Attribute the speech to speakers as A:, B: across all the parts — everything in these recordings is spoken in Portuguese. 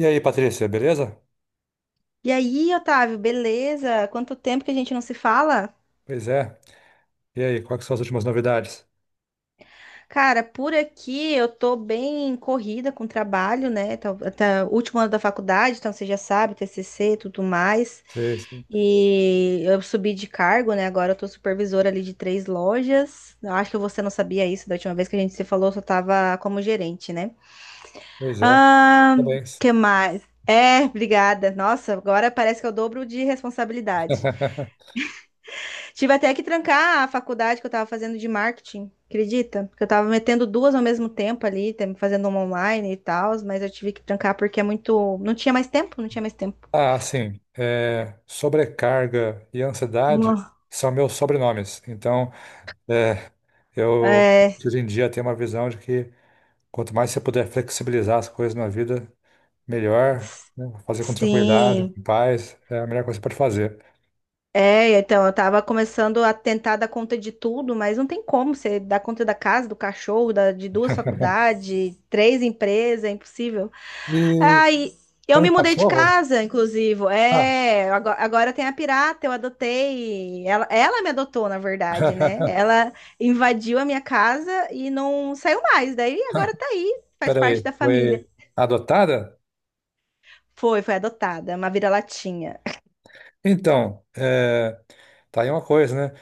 A: E aí, Patrícia, beleza?
B: E aí, Otávio, beleza? Quanto tempo que a gente não se fala?
A: Pois é. E aí, quais que são as últimas novidades?
B: Cara, por aqui eu tô bem corrida com trabalho, né? Tá, último ano da faculdade, então você já sabe, TCC e tudo mais.
A: Sei, sim.
B: E eu subi de cargo, né? Agora eu tô supervisora ali de três lojas. Eu acho que você não sabia isso da última vez que a gente se falou, eu só tava como gerente, né?
A: Pois é.
B: Ah,
A: Parabéns.
B: que mais? É, obrigada. Nossa, agora parece que eu dobro de responsabilidade. Tive até que trancar a faculdade que eu tava fazendo de marketing, acredita? Que eu tava metendo duas ao mesmo tempo ali, fazendo uma online e tal, mas eu tive que trancar porque é muito. Não tinha mais tempo, não tinha mais tempo.
A: Ah, sim. É, sobrecarga e ansiedade
B: Nossa.
A: são meus sobrenomes. Então, é, eu
B: É,
A: hoje em dia tenho uma visão de que quanto mais você puder flexibilizar as coisas na vida, melhor, né? Fazer com tranquilidade,
B: sim.
A: com paz, é a melhor coisa que você pode fazer.
B: É, então eu tava começando a tentar dar conta de tudo, mas não tem como você dar conta da casa, do cachorro, de duas faculdades, três empresas, é impossível.
A: E
B: Aí eu
A: falando
B: me
A: em
B: mudei de
A: cachorro?
B: casa, inclusive.
A: Ah,
B: É, agora, tem a pirata, eu adotei. Ela me adotou, na verdade, né? Ela invadiu a minha casa e não saiu mais. Daí agora tá aí, faz parte
A: peraí,
B: da família.
A: foi adotada?
B: Foi, foi adotada, uma vira-latinha.
A: Então, é, tá aí uma coisa, né?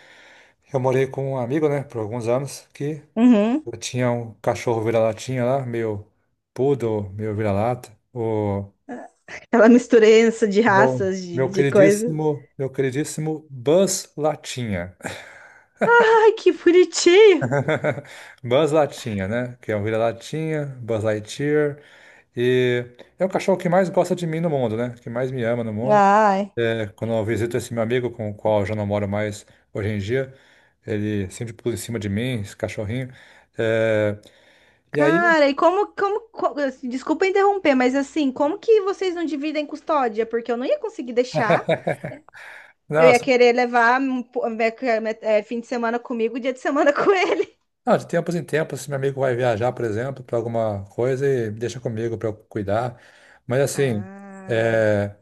A: Eu morei com um amigo, né, por alguns anos, que
B: Uhum.
A: eu tinha um cachorro vira-latinha lá, meio poodle, meio vira-lata. O
B: Ela mistura isso de
A: meu,
B: raças, de,
A: meu
B: de coisa.
A: queridíssimo, meu queridíssimo Buzz Latinha.
B: Ai, que bonitinho!
A: Buzz Latinha, né? Que é um vira-latinha, Buzz Lightyear. E é o cachorro que mais gosta de mim no mundo, né? Que mais me ama no mundo.
B: Ai.
A: É, quando eu visito esse meu amigo com o qual eu já não moro mais hoje em dia, ele sempre pula em cima de mim, esse cachorrinho. É, e aí,
B: Cara, e assim, desculpa interromper, mas assim, como que vocês não dividem custódia? Porque eu não ia conseguir deixar, eu ia
A: nossa,
B: querer levar um fim de semana comigo, dia de semana com ele.
A: ah, de tempos em tempos, esse meu amigo vai viajar, por exemplo, para alguma coisa e deixa comigo para eu cuidar. Mas assim,
B: Ah,
A: é,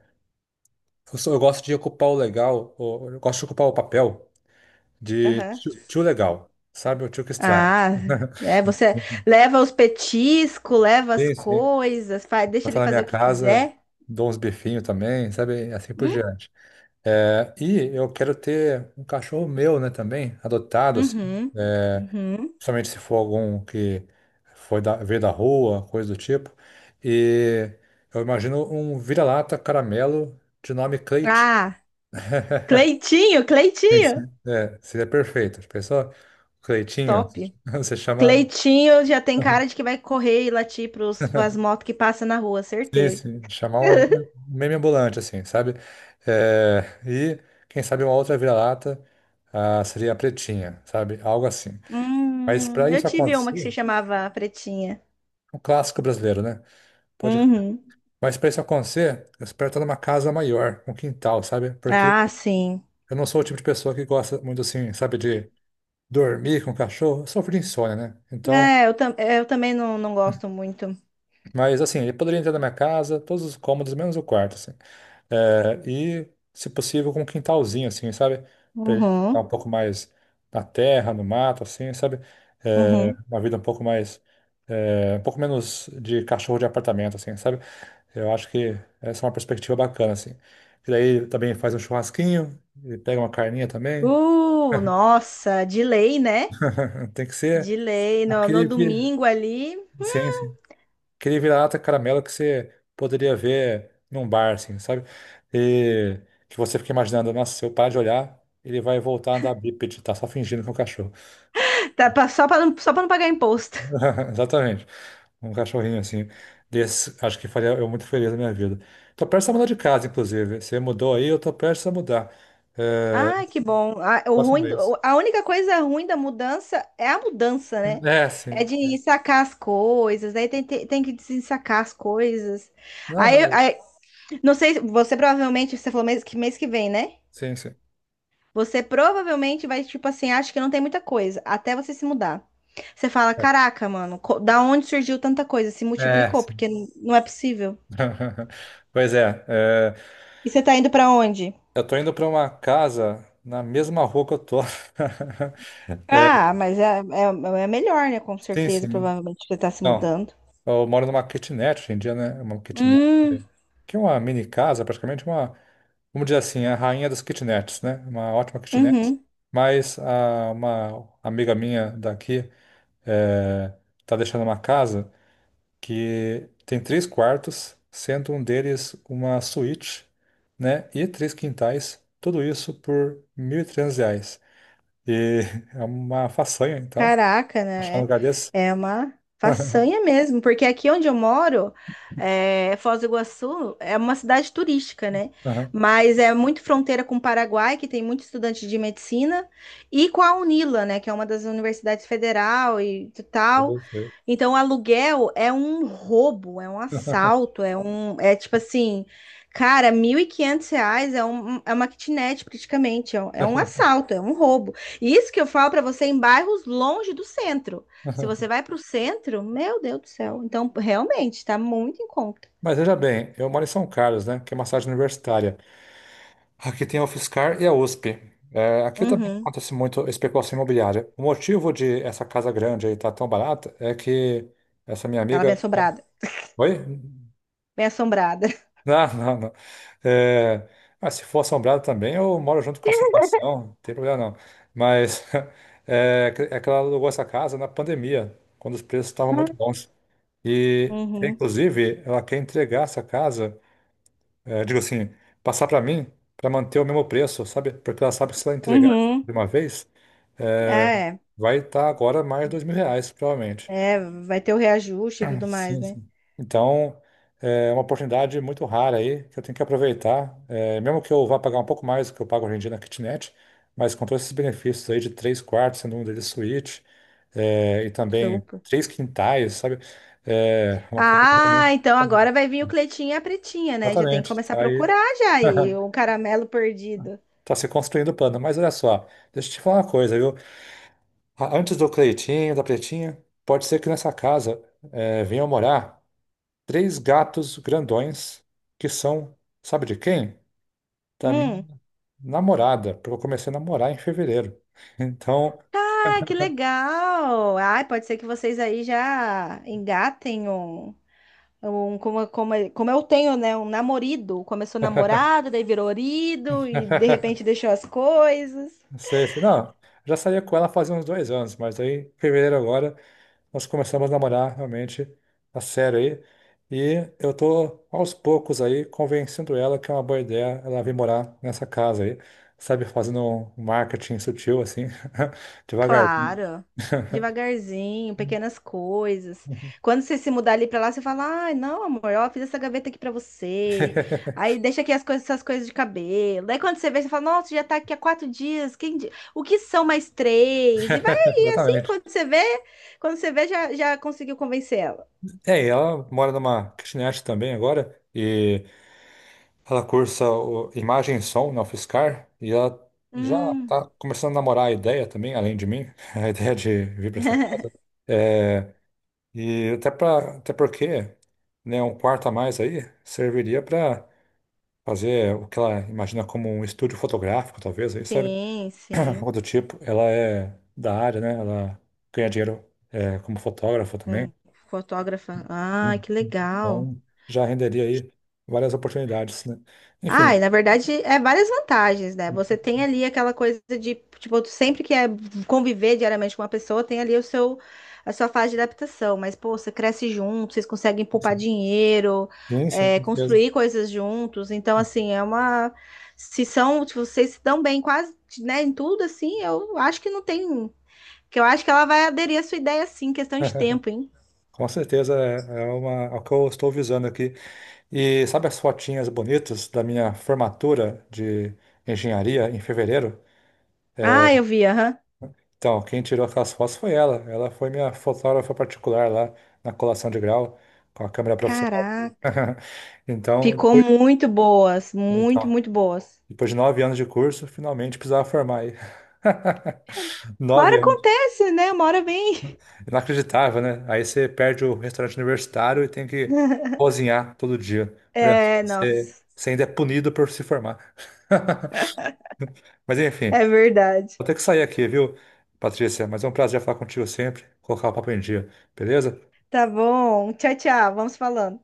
A: eu gosto de ocupar o legal, o- eu gosto de ocupar o papel de
B: aham.
A: tio, tio legal, sabe? O tio que estraga.
B: Ah, é, você leva os petiscos, leva as
A: Sim, sim.
B: coisas, faz, deixa
A: Botar
B: ele
A: na
B: fazer
A: minha
B: o que
A: casa,
B: quiser.
A: dou uns bifinhos também, sabe? Assim por
B: Hum?
A: diante. É, e eu quero ter um cachorro meu, né, também, adotado, assim,
B: Uhum,
A: é,
B: uhum.
A: principalmente se for algum que veio da rua, coisa do tipo. E eu imagino um vira-lata caramelo de nome Cleitinho.
B: Ah, Cleitinho,
A: Sim,
B: Cleitinho,
A: sim. É, seria perfeito. Já pensou? Cleitinho,
B: top.
A: você chama.
B: Cleitinho já tem cara de que vai correr e latir pros, pras motos que passam na rua,
A: Sim,
B: certeza.
A: sim, chamar um meme ambulante, assim, sabe? É, e quem sabe uma outra vira-lata, ah, seria a Pretinha, sabe? Algo assim. Mas
B: Hum,
A: para
B: eu
A: isso
B: tive uma que
A: acontecer,
B: se chamava Pretinha.
A: é um clássico brasileiro, né? Pode.
B: Uhum.
A: Mas para isso acontecer, eu espero estar numa casa maior, um quintal, sabe? Porque
B: Ah, sim.
A: eu não sou o tipo de pessoa que gosta muito assim, sabe, de dormir com o cachorro. Eu sofro de insônia, né? Então,
B: É, eu também não, não gosto muito.
A: mas assim, ele poderia entrar na minha casa, todos os cômodos, menos o quarto, assim. É, e, se possível, com um quintalzinho, assim, sabe? Para ele ficar
B: Uhum,
A: um pouco mais na terra, no mato, assim, sabe? É,
B: uhum.
A: uma vida um pouco mais, é, um pouco menos de cachorro de apartamento, assim, sabe? Eu acho que essa é uma perspectiva bacana, assim. E daí também faz um churrasquinho, e pega uma carninha também.
B: Nossa, de lei, né?
A: Tem que
B: De
A: ser
B: lei, no
A: aquele,
B: domingo ali.
A: sim, sim. Aquele vira-lata caramelo que você poderia ver num bar, assim, sabe? E que você fica imaginando, nossa, se eu parar de olhar, ele vai voltar a andar bípede, tá só fingindo que é um cachorro.
B: Tá, só pra não pagar imposto.
A: Exatamente. Um cachorrinho, assim. Desse, acho que faria eu muito feliz na minha vida. Tô prestes a mudar de casa, inclusive. Você mudou aí, eu tô prestes a mudar. É,
B: Ai, que bom. A, o
A: próximo
B: ruim,
A: mês.
B: do- a única coisa ruim da mudança é a mudança, né?
A: É,
B: É
A: sim.
B: de sacar as coisas, aí tem que desensacar as coisas.
A: Não,
B: Aí,
A: mas.
B: aí, não sei, você falou mês que vem, né?
A: Sim, sim.
B: Você provavelmente vai, tipo assim, acha que não tem muita coisa, até você se mudar. Você fala, caraca, mano, da onde surgiu tanta coisa? Se
A: É,
B: multiplicou,
A: sim.
B: porque não é possível.
A: Pois é,
B: E você tá indo pra onde?
A: eu tô indo para uma casa na mesma rua que eu tô. É,
B: Ah, mas é melhor, né? Com
A: sim,
B: certeza,
A: sim.
B: provavelmente, que você tá se
A: Então,
B: mudando.
A: eu moro numa kitnet hoje em dia, né? Uma kitnet.
B: Hum.
A: Que é uma mini casa, praticamente uma. Vamos dizer assim, a rainha das kitnets, né? Uma ótima kitnet.
B: Uhum.
A: Mas uma amiga minha daqui, é, tá deixando uma casa que tem três quartos, sendo um deles uma suíte, né? E três quintais, tudo isso por R$ 1.300. E é uma façanha, então,
B: Caraca,
A: achar um
B: né?
A: lugar desse.
B: É uma façanha mesmo, porque aqui onde eu moro, Foz do Iguaçu é uma cidade turística, né?
A: Aham,
B: Mas é muito fronteira com o Paraguai, que tem muito estudante de medicina, e com a UNILA, né? Que é uma das universidades federal e tal.
A: eu sei.
B: Então, o aluguel é um roubo, é um assalto, é um, é tipo assim, cara, R$ 1.500 é, um, é uma kitnet praticamente, é um assalto, é um roubo. Isso que eu falo para você em bairros longe do centro. Se você vai para o centro, meu Deus do céu. Então, realmente, tá muito em conta.
A: Mas veja bem, eu moro em São Carlos, né? Que é uma cidade universitária. Aqui tem a UFSCar e a USP. É, aqui também
B: Uhum.
A: acontece muito especulação imobiliária. O motivo de essa casa grande aí estar tão barata é que essa minha
B: Ela é
A: amiga,
B: bem
A: né.
B: assombrada.
A: Oi?
B: Bem assombrada.
A: Não, não, não. É, ah, se for assombrado também, eu moro junto com a assombração, não tem problema não. Mas é, é que ela alugou essa casa na pandemia, quando os preços estavam muito bons. E,
B: Uhum.
A: inclusive, ela quer entregar essa casa, é, digo assim, passar para mim, para manter o mesmo preço, sabe? Porque ela sabe que se ela entregar
B: Uhum.
A: de uma vez, é,
B: Ah, É,
A: vai estar agora mais R$ 2.000, provavelmente.
B: é, vai ter o reajuste e tudo mais,
A: Sim,
B: né?
A: sim. Então, é uma oportunidade muito rara aí, que eu tenho que aproveitar. É, mesmo que eu vá pagar um pouco mais do que eu pago hoje em dia na kitnet, mas com todos esses benefícios aí de três quartos, sendo um deles suíte, é, e também
B: Super.
A: três quintais, sabe? É uma casa
B: Ah,
A: realmente.
B: então agora vai vir o Cleitinho e a Pretinha, né? Já tem que
A: Exatamente.
B: começar a
A: Tá aí,
B: procurar já aí o caramelo perdido.
A: tá se construindo o plano. Mas olha só, deixa eu te falar uma coisa, viu? Antes do Cleitinho, da Pretinha, pode ser que nessa casa, é, venham morar três gatos grandões que são, sabe de quem? Da minha
B: Hum.
A: namorada, porque eu comecei a namorar em fevereiro. Então,
B: Ah, que legal! Ai, pode ser que vocês aí já engatem um. Um, como eu tenho, né? Um namorido. Começou namorado, daí virou orido e de repente deixou as coisas.
A: sei, sei, se não, já saía com ela fazia uns 2 anos, mas aí, em fevereiro agora, nós começamos a namorar realmente a sério aí. E eu tô aos poucos aí convencendo ela que é uma boa ideia ela vir morar nessa casa aí, sabe, fazendo um marketing sutil assim, devagarzinho.
B: Claro, devagarzinho, pequenas coisas. Quando você se mudar ali pra lá, você fala: ai, não, amor, ó, fiz essa gaveta aqui pra você. Aí deixa aqui as coisas, essas coisas de cabelo. Daí quando você vê, você fala: nossa, já tá aqui há 4 dias. O que são mais três? E vai aí, assim,
A: Exatamente.
B: quando você vê, já conseguiu convencer ela.
A: É, e ela mora numa kitnet também agora e ela cursa imagem e som na UFSCar e ela já
B: Hum,
A: tá começando a namorar a ideia também, além de mim, a ideia de vir para essa casa. É, e até porque, né, um quarto a mais aí serviria para fazer o que ela imagina como um estúdio fotográfico, talvez, aí, sabe?
B: sim,
A: Ah,
B: sim.
A: algo do tipo. Ela é da área, né? Ela ganha dinheiro, é, como fotógrafa também.
B: Com fotógrafa. Ah,
A: Uhum.
B: que legal.
A: Então, já renderia aí várias oportunidades, né? Enfim,
B: Ah, e na verdade é várias vantagens, né? Você tem ali aquela coisa de, tipo, tu sempre que é conviver diariamente com uma pessoa, tem ali o seu a sua fase de adaptação, mas pô, você cresce junto, vocês conseguem poupar
A: sim,
B: dinheiro,
A: sim, sim, com certeza.
B: construir coisas juntos. Então, assim, é uma se são, se vocês se dão bem quase, né, em tudo assim, eu acho que não tem, que eu acho que ela vai aderir à sua ideia assim, questão de tempo, hein?
A: Com certeza é uma, é o que eu estou visando aqui. E sabe as fotinhas bonitas da minha formatura de engenharia em fevereiro?
B: Ah, eu vi, aham.
A: Então, quem tirou aquelas fotos foi ela. Ela foi minha fotógrafa particular lá na colação de grau, com a câmera profissional.
B: Caraca.
A: Então,
B: Ficou
A: depois,
B: muito boas, muito,
A: então,
B: muito boas.
A: depois de 9 anos de curso, finalmente precisava formar aí.
B: Uma hora
A: Nove
B: acontece, né? Uma hora vem.
A: Inacreditável, né? Aí você perde o restaurante universitário e tem que cozinhar todo dia. Olha só,
B: É, nossa,
A: você ainda é punido por se formar. Mas enfim,
B: é verdade.
A: vou ter que sair aqui, viu, Patrícia? Mas é um prazer falar contigo sempre, colocar o papo em dia, beleza?
B: Tá bom. Tchau, tchau. Vamos falando.